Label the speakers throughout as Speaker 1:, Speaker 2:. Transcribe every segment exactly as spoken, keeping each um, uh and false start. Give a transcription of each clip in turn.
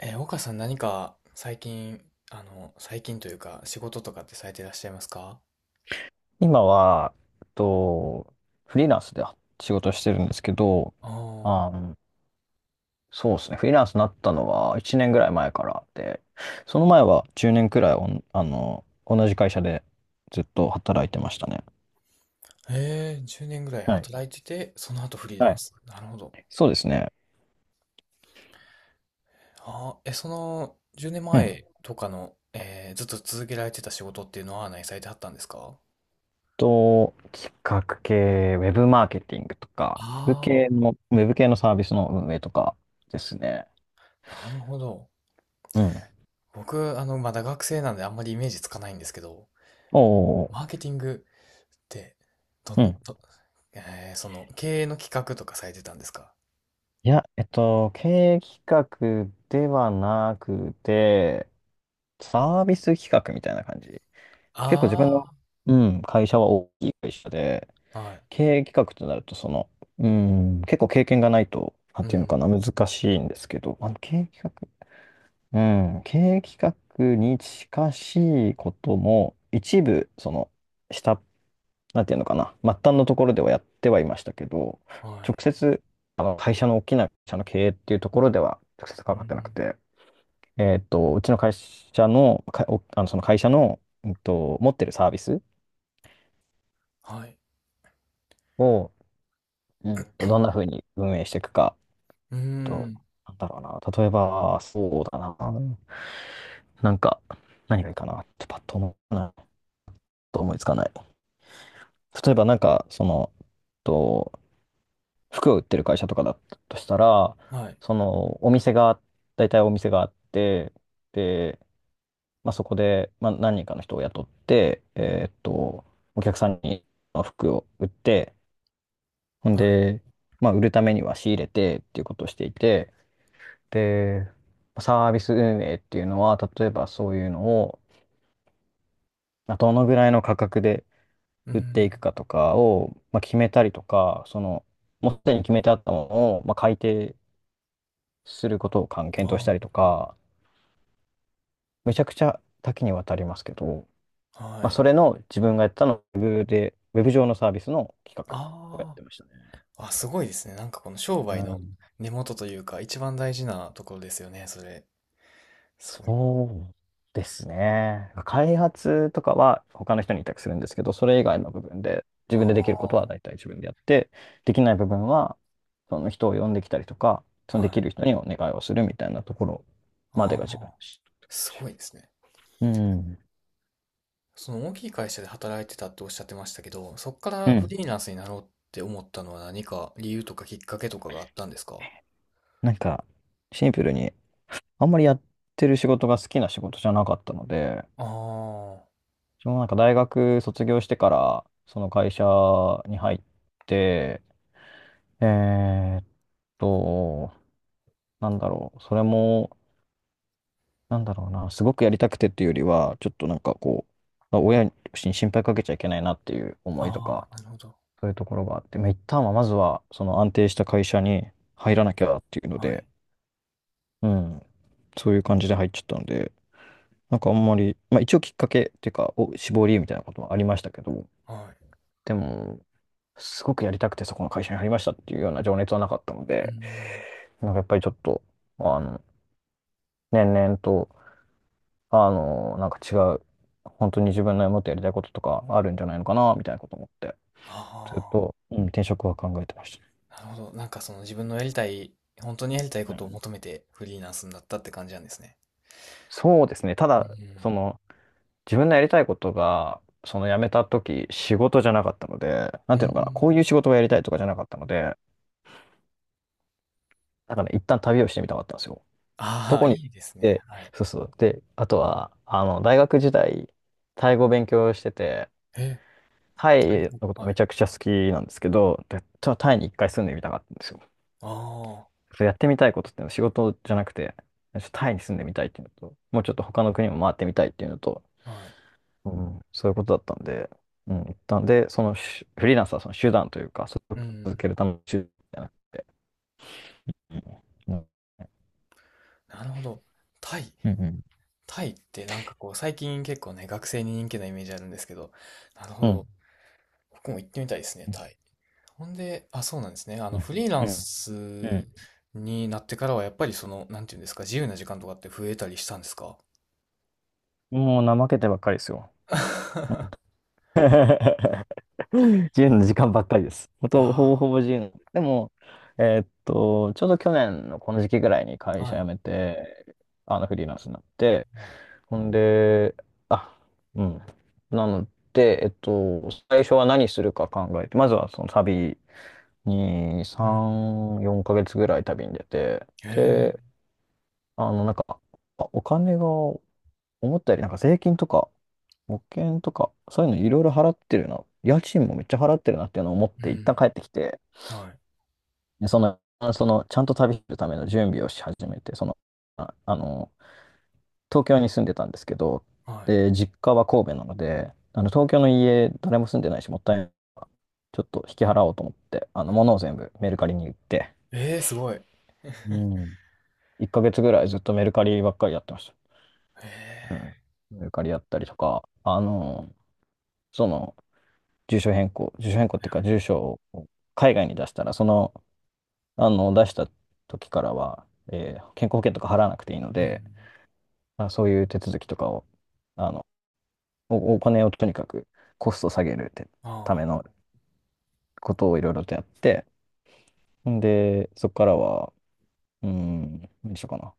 Speaker 1: えー、岡さん何か最近、あの、最近というか仕事とかってされていらっしゃいますか？
Speaker 2: 今は、えっと、フリーランスで仕事してるんですけど、
Speaker 1: あ
Speaker 2: あの、そうですね、フリーランスになったのはいちねんぐらい前からで、その前はじゅうねんくらいおん、あの、同じ会社でずっと働いてましたね。
Speaker 1: あー、えー、じゅうねんぐらい
Speaker 2: はい。
Speaker 1: 働いてて、その後フリーラ
Speaker 2: は
Speaker 1: ン
Speaker 2: い、
Speaker 1: ス。なるほど。
Speaker 2: そうですね。
Speaker 1: ああ、え、その10年
Speaker 2: うん。
Speaker 1: 前とかの、えーずっと続けられてた仕事っていうのは何されてはったんですか？
Speaker 2: と、企画系、ウェブマーケティングとか、ウェブ系
Speaker 1: あ
Speaker 2: の、ウェブ系のサービスの運営とかですね。
Speaker 1: あー、なるほど。
Speaker 2: うん。
Speaker 1: 僕、あの、まだ学生なんであんまりイメージつかないんですけど、
Speaker 2: おーおー
Speaker 1: マ
Speaker 2: お
Speaker 1: ーケティングってどん、
Speaker 2: ー
Speaker 1: ど、えーその経営の企画とかされてたんですか？
Speaker 2: いや、えっと、経営企画ではなくて、サービス企画みたいな感じ。結構自分
Speaker 1: あ
Speaker 2: の、うん、会社は大きい会社で、
Speaker 1: あー、はい。
Speaker 2: 経営企画となると、その、うん、結構経験がないと、なん
Speaker 1: う
Speaker 2: ていうの
Speaker 1: ん、
Speaker 2: かな、難しいんですけど、あの、経営企画、うん、経営企画に近しいことも、一部、その、下っなんていうのかな、末端のところではやってはいましたけど、
Speaker 1: は
Speaker 2: 直
Speaker 1: い。
Speaker 2: 接、あの会社の大きな会社の経営っていうところでは直接
Speaker 1: う
Speaker 2: 関わっ
Speaker 1: ん、
Speaker 2: てなくて、えっと、うちの会社の、か、おあの、その会社の、うんと、持ってるサービス
Speaker 1: はい。
Speaker 2: を、うんと、どんなふうに運営していくか、
Speaker 1: う
Speaker 2: と、
Speaker 1: ん、
Speaker 2: なんだろうな、例えば、そうだな、なんか、何がいいかな、ちょっとパッと思うな、と思いつかない。例えば、なんか、その、と服を売ってる会社とかだったとしたら、
Speaker 1: はい、
Speaker 2: そのお店が、大体お店があって、で、まあ、そこで、まあ、何人かの人を雇って、えーっと、お客さんに服を売って、ほん
Speaker 1: はい。
Speaker 2: で、まあ、売るためには仕入れてっていうことをしていて、で、サービス運営っていうのは、例えばそういうのを、まあどのぐらいの価格で
Speaker 1: う
Speaker 2: 売ってい
Speaker 1: ん、
Speaker 2: くかとかを、まあ、決めたりとか、その、もうすでに決めてあったものを、まあ、改定することをかん検討したりと
Speaker 1: あ
Speaker 2: か、めちゃくちゃ多岐にわたりますけど、
Speaker 1: あ、
Speaker 2: ま
Speaker 1: は
Speaker 2: あ、
Speaker 1: い。
Speaker 2: それの自分がやったの、ウェブで、ウェブ上のサービスの企画をやっ
Speaker 1: あ
Speaker 2: てましたね。
Speaker 1: あ、あ、すごいですね。なんかこの商
Speaker 2: う
Speaker 1: 売の
Speaker 2: ん、
Speaker 1: 根元というか、一番大事なところですよね、それ。すごいな。
Speaker 2: そうですね。開発とかは他の人に委託するんですけど、それ以外の部分で、自分でできること
Speaker 1: あ
Speaker 2: は大体自分でやって、できない部分は、その人を呼んできたりとか、そ
Speaker 1: あ、
Speaker 2: ので
Speaker 1: は
Speaker 2: き
Speaker 1: い。
Speaker 2: る人にお願いをするみたいなところま
Speaker 1: あ
Speaker 2: でが自分で
Speaker 1: あ、
Speaker 2: したって感
Speaker 1: す
Speaker 2: じ。
Speaker 1: ごいですね。
Speaker 2: うん。
Speaker 1: その大きい会社で働いてたっておっしゃってましたけど、そっか
Speaker 2: う
Speaker 1: らフ
Speaker 2: ん。
Speaker 1: リーランスになろうって思ったのは何か理由とかきっかけとかがあったんですか？
Speaker 2: なんか、シンプルにあんまりやってる仕事が好きな仕事じゃなかったので、
Speaker 1: ああ、
Speaker 2: そのなんか大学卒業してから、その会社に入って、えーっと、なんだろう、それも、なんだろうな、すごくやりたくてっていうよりは、ちょっとなんかこう、親に心配かけちゃいけないなっていう思いと
Speaker 1: あ
Speaker 2: か、
Speaker 1: あ、なるほど。
Speaker 2: そういうところがあって、まあ、一旦はまずは、その安定した会社に入らなきゃっていうの
Speaker 1: は
Speaker 2: で、
Speaker 1: い、
Speaker 2: うん、そういう感じで入っちゃったので、なんかあんまり、まあ一応きっかけっていうか、お、志望理由みたいなこともありましたけど、
Speaker 1: はい。
Speaker 2: でも、すごくやりたくてそこの会社に入りましたっていうような情熱はなかったの
Speaker 1: うー
Speaker 2: で、
Speaker 1: ん。
Speaker 2: なんかやっぱりちょっと、あの、年々と、あの、なんか違う、本当に自分のもっとやりたいこととかあるんじゃないのかな、みたいなこと思って、ずっ
Speaker 1: あ
Speaker 2: と、うん、転職は考えてまし
Speaker 1: あ、なるほど。なんかその自分のやりたい、本当にやりたい
Speaker 2: た。
Speaker 1: こ
Speaker 2: う
Speaker 1: とを
Speaker 2: ん、
Speaker 1: 求めてフリーランスになったって感じなんですね。
Speaker 2: そうですね。た
Speaker 1: う
Speaker 2: だ、
Speaker 1: ん。
Speaker 2: その、自分のやりたいことが、その辞めた時、仕事じゃなかったので、なん
Speaker 1: う
Speaker 2: ていうのかな、
Speaker 1: ん。
Speaker 2: こういう仕事をやりたいとかじゃなかったので、だからね、一旦旅をしてみたかったんですよ。ど
Speaker 1: ああ、
Speaker 2: こ
Speaker 1: い
Speaker 2: に、
Speaker 1: いですね。
Speaker 2: で、
Speaker 1: はい。
Speaker 2: そうそう。で、あとは、あの、大学時代、タイ語勉強してて、
Speaker 1: え、
Speaker 2: タ
Speaker 1: タイ
Speaker 2: イ
Speaker 1: の
Speaker 2: のこと
Speaker 1: は
Speaker 2: め
Speaker 1: い。
Speaker 2: ちゃくちゃ好きなんですけど、で、ちょっとタイに一回住んでみたかったんですよ。
Speaker 1: あ
Speaker 2: そうやってみたいことっていうのは仕事じゃなくて、ちょっとタイに住んでみたいっていうのと、もうちょっと他の国も回ってみたいっていうのと、
Speaker 1: あ、はい。
Speaker 2: うん、そういうことだったんで、うん、一旦で、そのしフリーランスはその手段というか、それ
Speaker 1: う
Speaker 2: を続
Speaker 1: ん。
Speaker 2: けるための手段じゃなくて、うん、うん、
Speaker 1: なるほど。タイ、
Speaker 2: うん、うん、
Speaker 1: タイってなんかこう、最近結構ね、学生に人気なイメージあるんですけど、なるほ
Speaker 2: うん、
Speaker 1: ど。僕も行ってみたいですね、
Speaker 2: う
Speaker 1: タイ。ほんで、あ、そうなんですね。あの、
Speaker 2: ん、
Speaker 1: フリーラ
Speaker 2: う
Speaker 1: ン
Speaker 2: んう
Speaker 1: ス
Speaker 2: ん、
Speaker 1: になってからは、やっぱりその、なんていうんですか、自由な時間とかって増えたりしたんですか？
Speaker 2: もう怠けてばっかりですよ。
Speaker 1: あ
Speaker 2: 自由の時間ばっかりです。ほと、ほぼ
Speaker 1: あ
Speaker 2: ほぼ自由の。でも、えーっと、ちょうど去年のこの時期ぐらいに
Speaker 1: ー、
Speaker 2: 会社
Speaker 1: は
Speaker 2: 辞
Speaker 1: い、
Speaker 2: めて、あの、フリーランスになって、
Speaker 1: はい。
Speaker 2: ほんで、あ、うん。なので、えっと、最初は何するか考えて、まずはその旅に
Speaker 1: うん。
Speaker 2: さん、よんかげつぐらい旅に出て、
Speaker 1: へえ、
Speaker 2: で、あの、なんか、あお金が思ったよりなんか税金とか、保険とか、そういうのいろいろ払ってるな。家賃もめっちゃ払ってるなっていうのを思っ
Speaker 1: う
Speaker 2: て、一旦帰
Speaker 1: ん。
Speaker 2: ってきて、
Speaker 1: はい、
Speaker 2: でその、その、ちゃんと旅するための準備をし始めて、その、あ、あの、東京に住んでたんですけど、
Speaker 1: はい、
Speaker 2: で、実家は神戸なので、あの、東京の家、誰も住んでないし、もったいないからちょっと引き払おうと思って、あの、
Speaker 1: は
Speaker 2: 物を
Speaker 1: い。
Speaker 2: 全部メルカリに売って、
Speaker 1: ええ、すごい。へ
Speaker 2: うん。いっかげつぐらいずっとメルカリばっかりやってました。う
Speaker 1: え、
Speaker 2: ん。メルカリやったりとか、あの、その、住所変更、住所変更っていうか、住所を海外に出したら、その、あの、出した時からは、えー健康保険とか払わなくていいの
Speaker 1: うん。
Speaker 2: で、まあ、そういう手続きとかを、あの、お、お金をとにかくコストを下げるってため
Speaker 1: あ
Speaker 2: のことをいろいろとやって、んで、そこからは、うーん、何しようかな。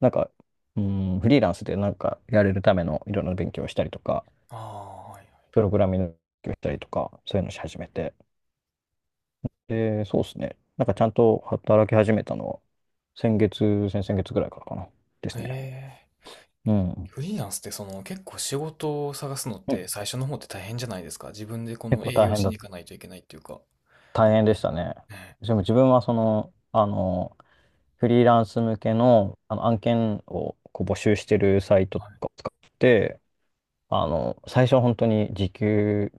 Speaker 2: なんか、うーん、フリーランスでなんかやれるためのいろんな勉強をしたりとか、
Speaker 1: あ、ああ、はい
Speaker 2: プログラミングをしたりとか、そういうのし始めて、で、そうですね。なんかちゃんと働き始めたのは、先月、先々月ぐらいからかな。
Speaker 1: はい。へえ。うん。はい、はい、はい。ええ、すごい。へえ。うん。ああ、ああ。は
Speaker 2: ですね。
Speaker 1: い、はい。え、
Speaker 2: うん。
Speaker 1: フリーランスってその結構仕事を探すのっ
Speaker 2: う
Speaker 1: て
Speaker 2: ん。
Speaker 1: 最初の方って大変じゃないですか。自分でこ
Speaker 2: 結
Speaker 1: の
Speaker 2: 構
Speaker 1: 営
Speaker 2: 大
Speaker 1: 業
Speaker 2: 変
Speaker 1: し
Speaker 2: だ、
Speaker 1: に行かないといけないっていうか。
Speaker 2: 大変でしたね。
Speaker 1: ねえ、
Speaker 2: でも自分はその、あの、フリーランス向けの、あの案件をこう募集してるサイ
Speaker 1: は
Speaker 2: トと
Speaker 1: い。
Speaker 2: かを使って、あの、最初は本当に時給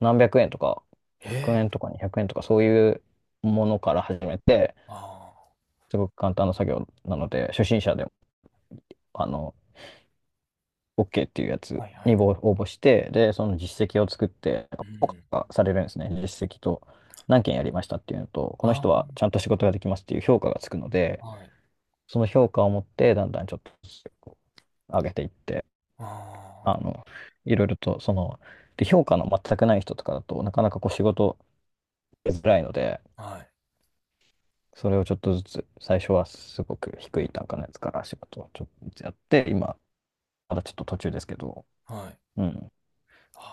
Speaker 2: 何百円とか、
Speaker 1: え
Speaker 2: 100
Speaker 1: え、
Speaker 2: 円とかにひゃくえんとかそういうものから始めて、
Speaker 1: あ
Speaker 2: すごく簡単な作業なので、初心者でも、あの、オーケー っていうや
Speaker 1: あ、
Speaker 2: つ
Speaker 1: はいは
Speaker 2: に
Speaker 1: い。
Speaker 2: 応応募して、で、その実績を作って、
Speaker 1: う
Speaker 2: 評
Speaker 1: ん。
Speaker 2: 価されるんですね。実績と、何件やりましたっていうのと、この
Speaker 1: あ
Speaker 2: 人はちゃんと仕事ができますっていう評価がつくので、
Speaker 1: あ、はい。
Speaker 2: その評価を持って、だんだんちょっとずつこう上げていって、
Speaker 1: あ
Speaker 2: あの、いろいろと、その、で、評価の全くない人とかだとなかなかこう仕事しづらいので、
Speaker 1: あ、はい、
Speaker 2: それをちょっとずつ、最初はすごく低い単価のやつから仕事をちょっとずつやって、今、まだちょっと途中ですけど、
Speaker 1: はい。
Speaker 2: うん、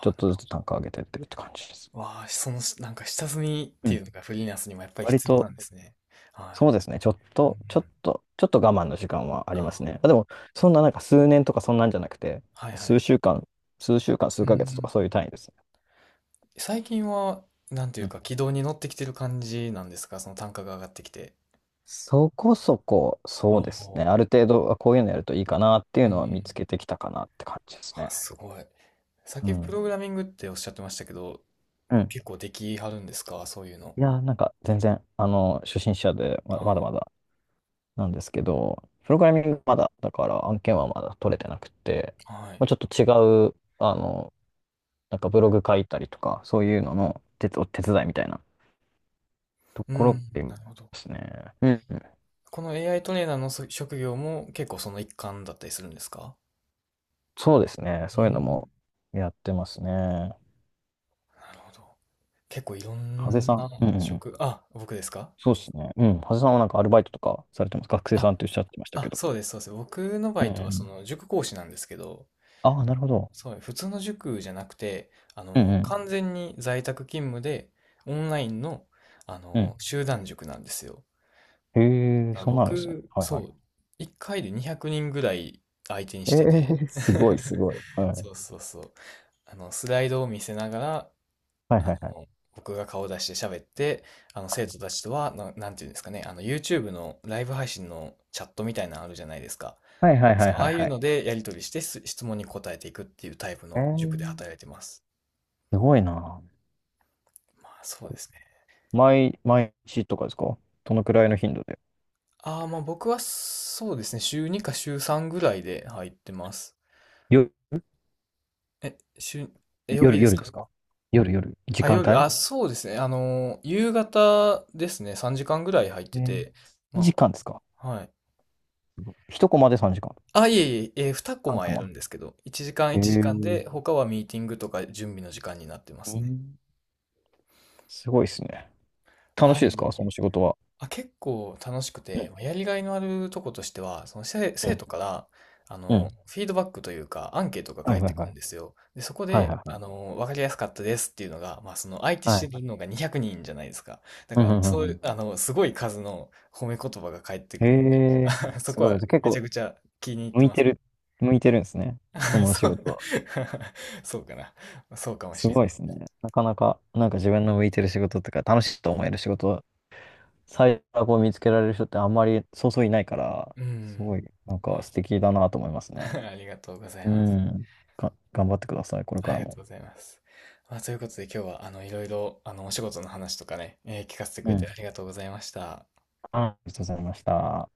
Speaker 2: ちょ
Speaker 1: あ、
Speaker 2: っと
Speaker 1: なる
Speaker 2: ず
Speaker 1: ほ
Speaker 2: つ
Speaker 1: ど。
Speaker 2: 単価上げてってるって感じです。
Speaker 1: わあ、そのなんか下積みっ
Speaker 2: う
Speaker 1: てい
Speaker 2: ん、
Speaker 1: うのがフリーランスにもやっぱり
Speaker 2: 割
Speaker 1: 必要な
Speaker 2: と、
Speaker 1: んですね。は
Speaker 2: そうですね。ちょっ
Speaker 1: い。うんう
Speaker 2: と、ちょっ
Speaker 1: ん。
Speaker 2: と、ちょっと我慢の時間はありますね。
Speaker 1: あ
Speaker 2: あ、でも、そんななんか数年とかそんなんじゃなくて、
Speaker 1: あ、はいはい。
Speaker 2: 数週間、数週間、
Speaker 1: う
Speaker 2: 数
Speaker 1: んう
Speaker 2: ヶ月とか
Speaker 1: ん。
Speaker 2: そういう単位ですね。
Speaker 1: 最近は、なんてい
Speaker 2: う
Speaker 1: う
Speaker 2: ん。
Speaker 1: か、軌道に乗ってきてる感じなんですか？その単価が上がってきて。
Speaker 2: そこそこ、そ
Speaker 1: あ
Speaker 2: う
Speaker 1: あ、
Speaker 2: ですね。ある程度、あこういうのやるといいかなっていう
Speaker 1: うんう
Speaker 2: のは見つ
Speaker 1: ん。
Speaker 2: けてきたかなって感じです
Speaker 1: あ、
Speaker 2: ね。
Speaker 1: すごい。さっ
Speaker 2: う
Speaker 1: きプ
Speaker 2: ん。
Speaker 1: ログラミングっておっしゃってましたけど、
Speaker 2: うん。
Speaker 1: 結構できはるんですか？そういうの。
Speaker 2: いやー、なんか全然、あの、初心者でま、まだ
Speaker 1: あ
Speaker 2: まだなんですけど、プログラミングまだ、だから案件はまだ取れてなくて、
Speaker 1: あ、は
Speaker 2: ま
Speaker 1: い。
Speaker 2: あ、ちょっと違う、あの、なんかブログ書いたりとか、そういうのの手つ、お手伝いみたいなと
Speaker 1: う
Speaker 2: こ
Speaker 1: ん、
Speaker 2: ろでま
Speaker 1: なるほど。
Speaker 2: すね。うんうん。
Speaker 1: この エーアイ トレーナーのそ職業も結構その一環だったりするんですか？
Speaker 2: そうですね。
Speaker 1: う
Speaker 2: そういうのも
Speaker 1: ん、
Speaker 2: やってますね。
Speaker 1: なるほど。結構いろ
Speaker 2: ハゼ
Speaker 1: ん
Speaker 2: さ
Speaker 1: な
Speaker 2: ん。うんうんうん。
Speaker 1: 職、あ、僕ですか？
Speaker 2: そうですね。うん。ハゼさんはなんかアルバイトとかされてます？学生
Speaker 1: あ、
Speaker 2: さんっておっしゃってましたけ
Speaker 1: あ、
Speaker 2: ど。
Speaker 1: そうです、そうです。僕の
Speaker 2: う
Speaker 1: バ
Speaker 2: ん
Speaker 1: イト
Speaker 2: う
Speaker 1: はそ
Speaker 2: ん。
Speaker 1: の塾講師なんですけど、
Speaker 2: ああ、なるほど。
Speaker 1: そう、普通の塾じゃなくて、あ
Speaker 2: うん
Speaker 1: の、
Speaker 2: うん。
Speaker 1: 完全に在宅勤務で、オンラインの、あ
Speaker 2: う
Speaker 1: の、
Speaker 2: ん。
Speaker 1: 集団塾なんですよ。
Speaker 2: へえ、
Speaker 1: あ、
Speaker 2: そんなのですね。
Speaker 1: 僕、
Speaker 2: はいはい。
Speaker 1: そう、いっかいでにひゃくにんぐらい相手に
Speaker 2: え
Speaker 1: してて、
Speaker 2: え、すごい すごい。は
Speaker 1: そ
Speaker 2: い。
Speaker 1: うそうそう。あの、スライドを見せながら、
Speaker 2: はい
Speaker 1: あ
Speaker 2: はいはい。
Speaker 1: の、僕が顔出して喋って、あの、生徒たちとは、な、なんていうんですかね、あの、YouTube のライブ配信のチャットみたいなのあるじゃないですか。
Speaker 2: はいはいはい
Speaker 1: そう、あ
Speaker 2: はい
Speaker 1: あいう
Speaker 2: はい。
Speaker 1: のでやり取りしてす質問に答えていくっていうタイプ
Speaker 2: え
Speaker 1: の塾で
Speaker 2: ー、
Speaker 1: 働いてます。
Speaker 2: すごいな。
Speaker 1: まあ、そうですね。
Speaker 2: 毎、毎日とかですか？どのくらいの頻度で？
Speaker 1: ああ、まあ僕はそうですね、週にか週さんぐらいで入ってます。え、週、え、曜日
Speaker 2: 夜、
Speaker 1: です
Speaker 2: 夜で
Speaker 1: か？
Speaker 2: すか？夜、夜。時
Speaker 1: あ、
Speaker 2: 間
Speaker 1: 夜、
Speaker 2: 帯？
Speaker 1: あ、そうですね、あの、夕方ですね、さんじかんぐらい入っ
Speaker 2: え
Speaker 1: て
Speaker 2: ー
Speaker 1: て、
Speaker 2: 時
Speaker 1: ま
Speaker 2: 間ですか？
Speaker 1: あ、はい。
Speaker 2: いち コマでさんじかん。
Speaker 1: あ、いえいえ、えー、にコ
Speaker 2: さん
Speaker 1: マ
Speaker 2: コ
Speaker 1: やる
Speaker 2: マ。
Speaker 1: んですけど、いちじかん
Speaker 2: え
Speaker 1: いちじかん
Speaker 2: ー、
Speaker 1: で、他はミーティングとか準備の時間になってま
Speaker 2: う
Speaker 1: すね。
Speaker 2: ん、すごいですね。楽し
Speaker 1: は
Speaker 2: いです
Speaker 1: い。
Speaker 2: かその仕事は？
Speaker 1: あ、結構楽しく
Speaker 2: う
Speaker 1: て、
Speaker 2: ん
Speaker 1: やりがいのあるとことしては、その生、
Speaker 2: う
Speaker 1: 生
Speaker 2: ん
Speaker 1: 徒から、あ
Speaker 2: うん、
Speaker 1: の、フィードバックというか、アンケートが
Speaker 2: は
Speaker 1: 返
Speaker 2: い
Speaker 1: っ
Speaker 2: は
Speaker 1: て
Speaker 2: い
Speaker 1: く
Speaker 2: は
Speaker 1: るん
Speaker 2: い。
Speaker 1: ですよ。で、そこ
Speaker 2: はい
Speaker 1: で、
Speaker 2: はいは
Speaker 1: あの、わかりやすかったですっていうのが、まあ、その、相手
Speaker 2: い。
Speaker 1: し
Speaker 2: は
Speaker 1: てる
Speaker 2: い。
Speaker 1: のがにひゃくにんじゃないですか。だ
Speaker 2: うん
Speaker 1: から、
Speaker 2: うんうん
Speaker 1: そ
Speaker 2: う
Speaker 1: うい
Speaker 2: ん。
Speaker 1: う、あの、すごい数の褒め言葉が返って
Speaker 2: へ
Speaker 1: くるんで、
Speaker 2: え、
Speaker 1: そ
Speaker 2: す
Speaker 1: こ
Speaker 2: ごいで
Speaker 1: は
Speaker 2: す。結
Speaker 1: めちゃ
Speaker 2: 構、
Speaker 1: くちゃ気に入っ
Speaker 2: 向
Speaker 1: て
Speaker 2: い
Speaker 1: ま
Speaker 2: て
Speaker 1: す。
Speaker 2: る、向いてるんですね。そ の仕
Speaker 1: そう、
Speaker 2: 事は。
Speaker 1: そうかな。そうかも
Speaker 2: す
Speaker 1: しれ
Speaker 2: ご
Speaker 1: な
Speaker 2: いで
Speaker 1: い。
Speaker 2: すね。なかなか、なんか自分の向いてる仕事とか、楽しいと思える仕事は、最悪を見つけられる人ってあんまりそうそういないから、
Speaker 1: う
Speaker 2: す
Speaker 1: ん。
Speaker 2: ごい、なんか
Speaker 1: ま
Speaker 2: 素敵だなと思いますね。
Speaker 1: あ ありがとうござい
Speaker 2: う
Speaker 1: ます。
Speaker 2: ん。が、頑張ってください、これ
Speaker 1: あ
Speaker 2: か
Speaker 1: り
Speaker 2: ら
Speaker 1: がとう
Speaker 2: も。
Speaker 1: ございます。まあ、ということで今日はあのいろいろあのお仕事の話とかね、えー聞かせてく
Speaker 2: う
Speaker 1: れて
Speaker 2: ん。
Speaker 1: ありがとうございました。
Speaker 2: ありがとうございました。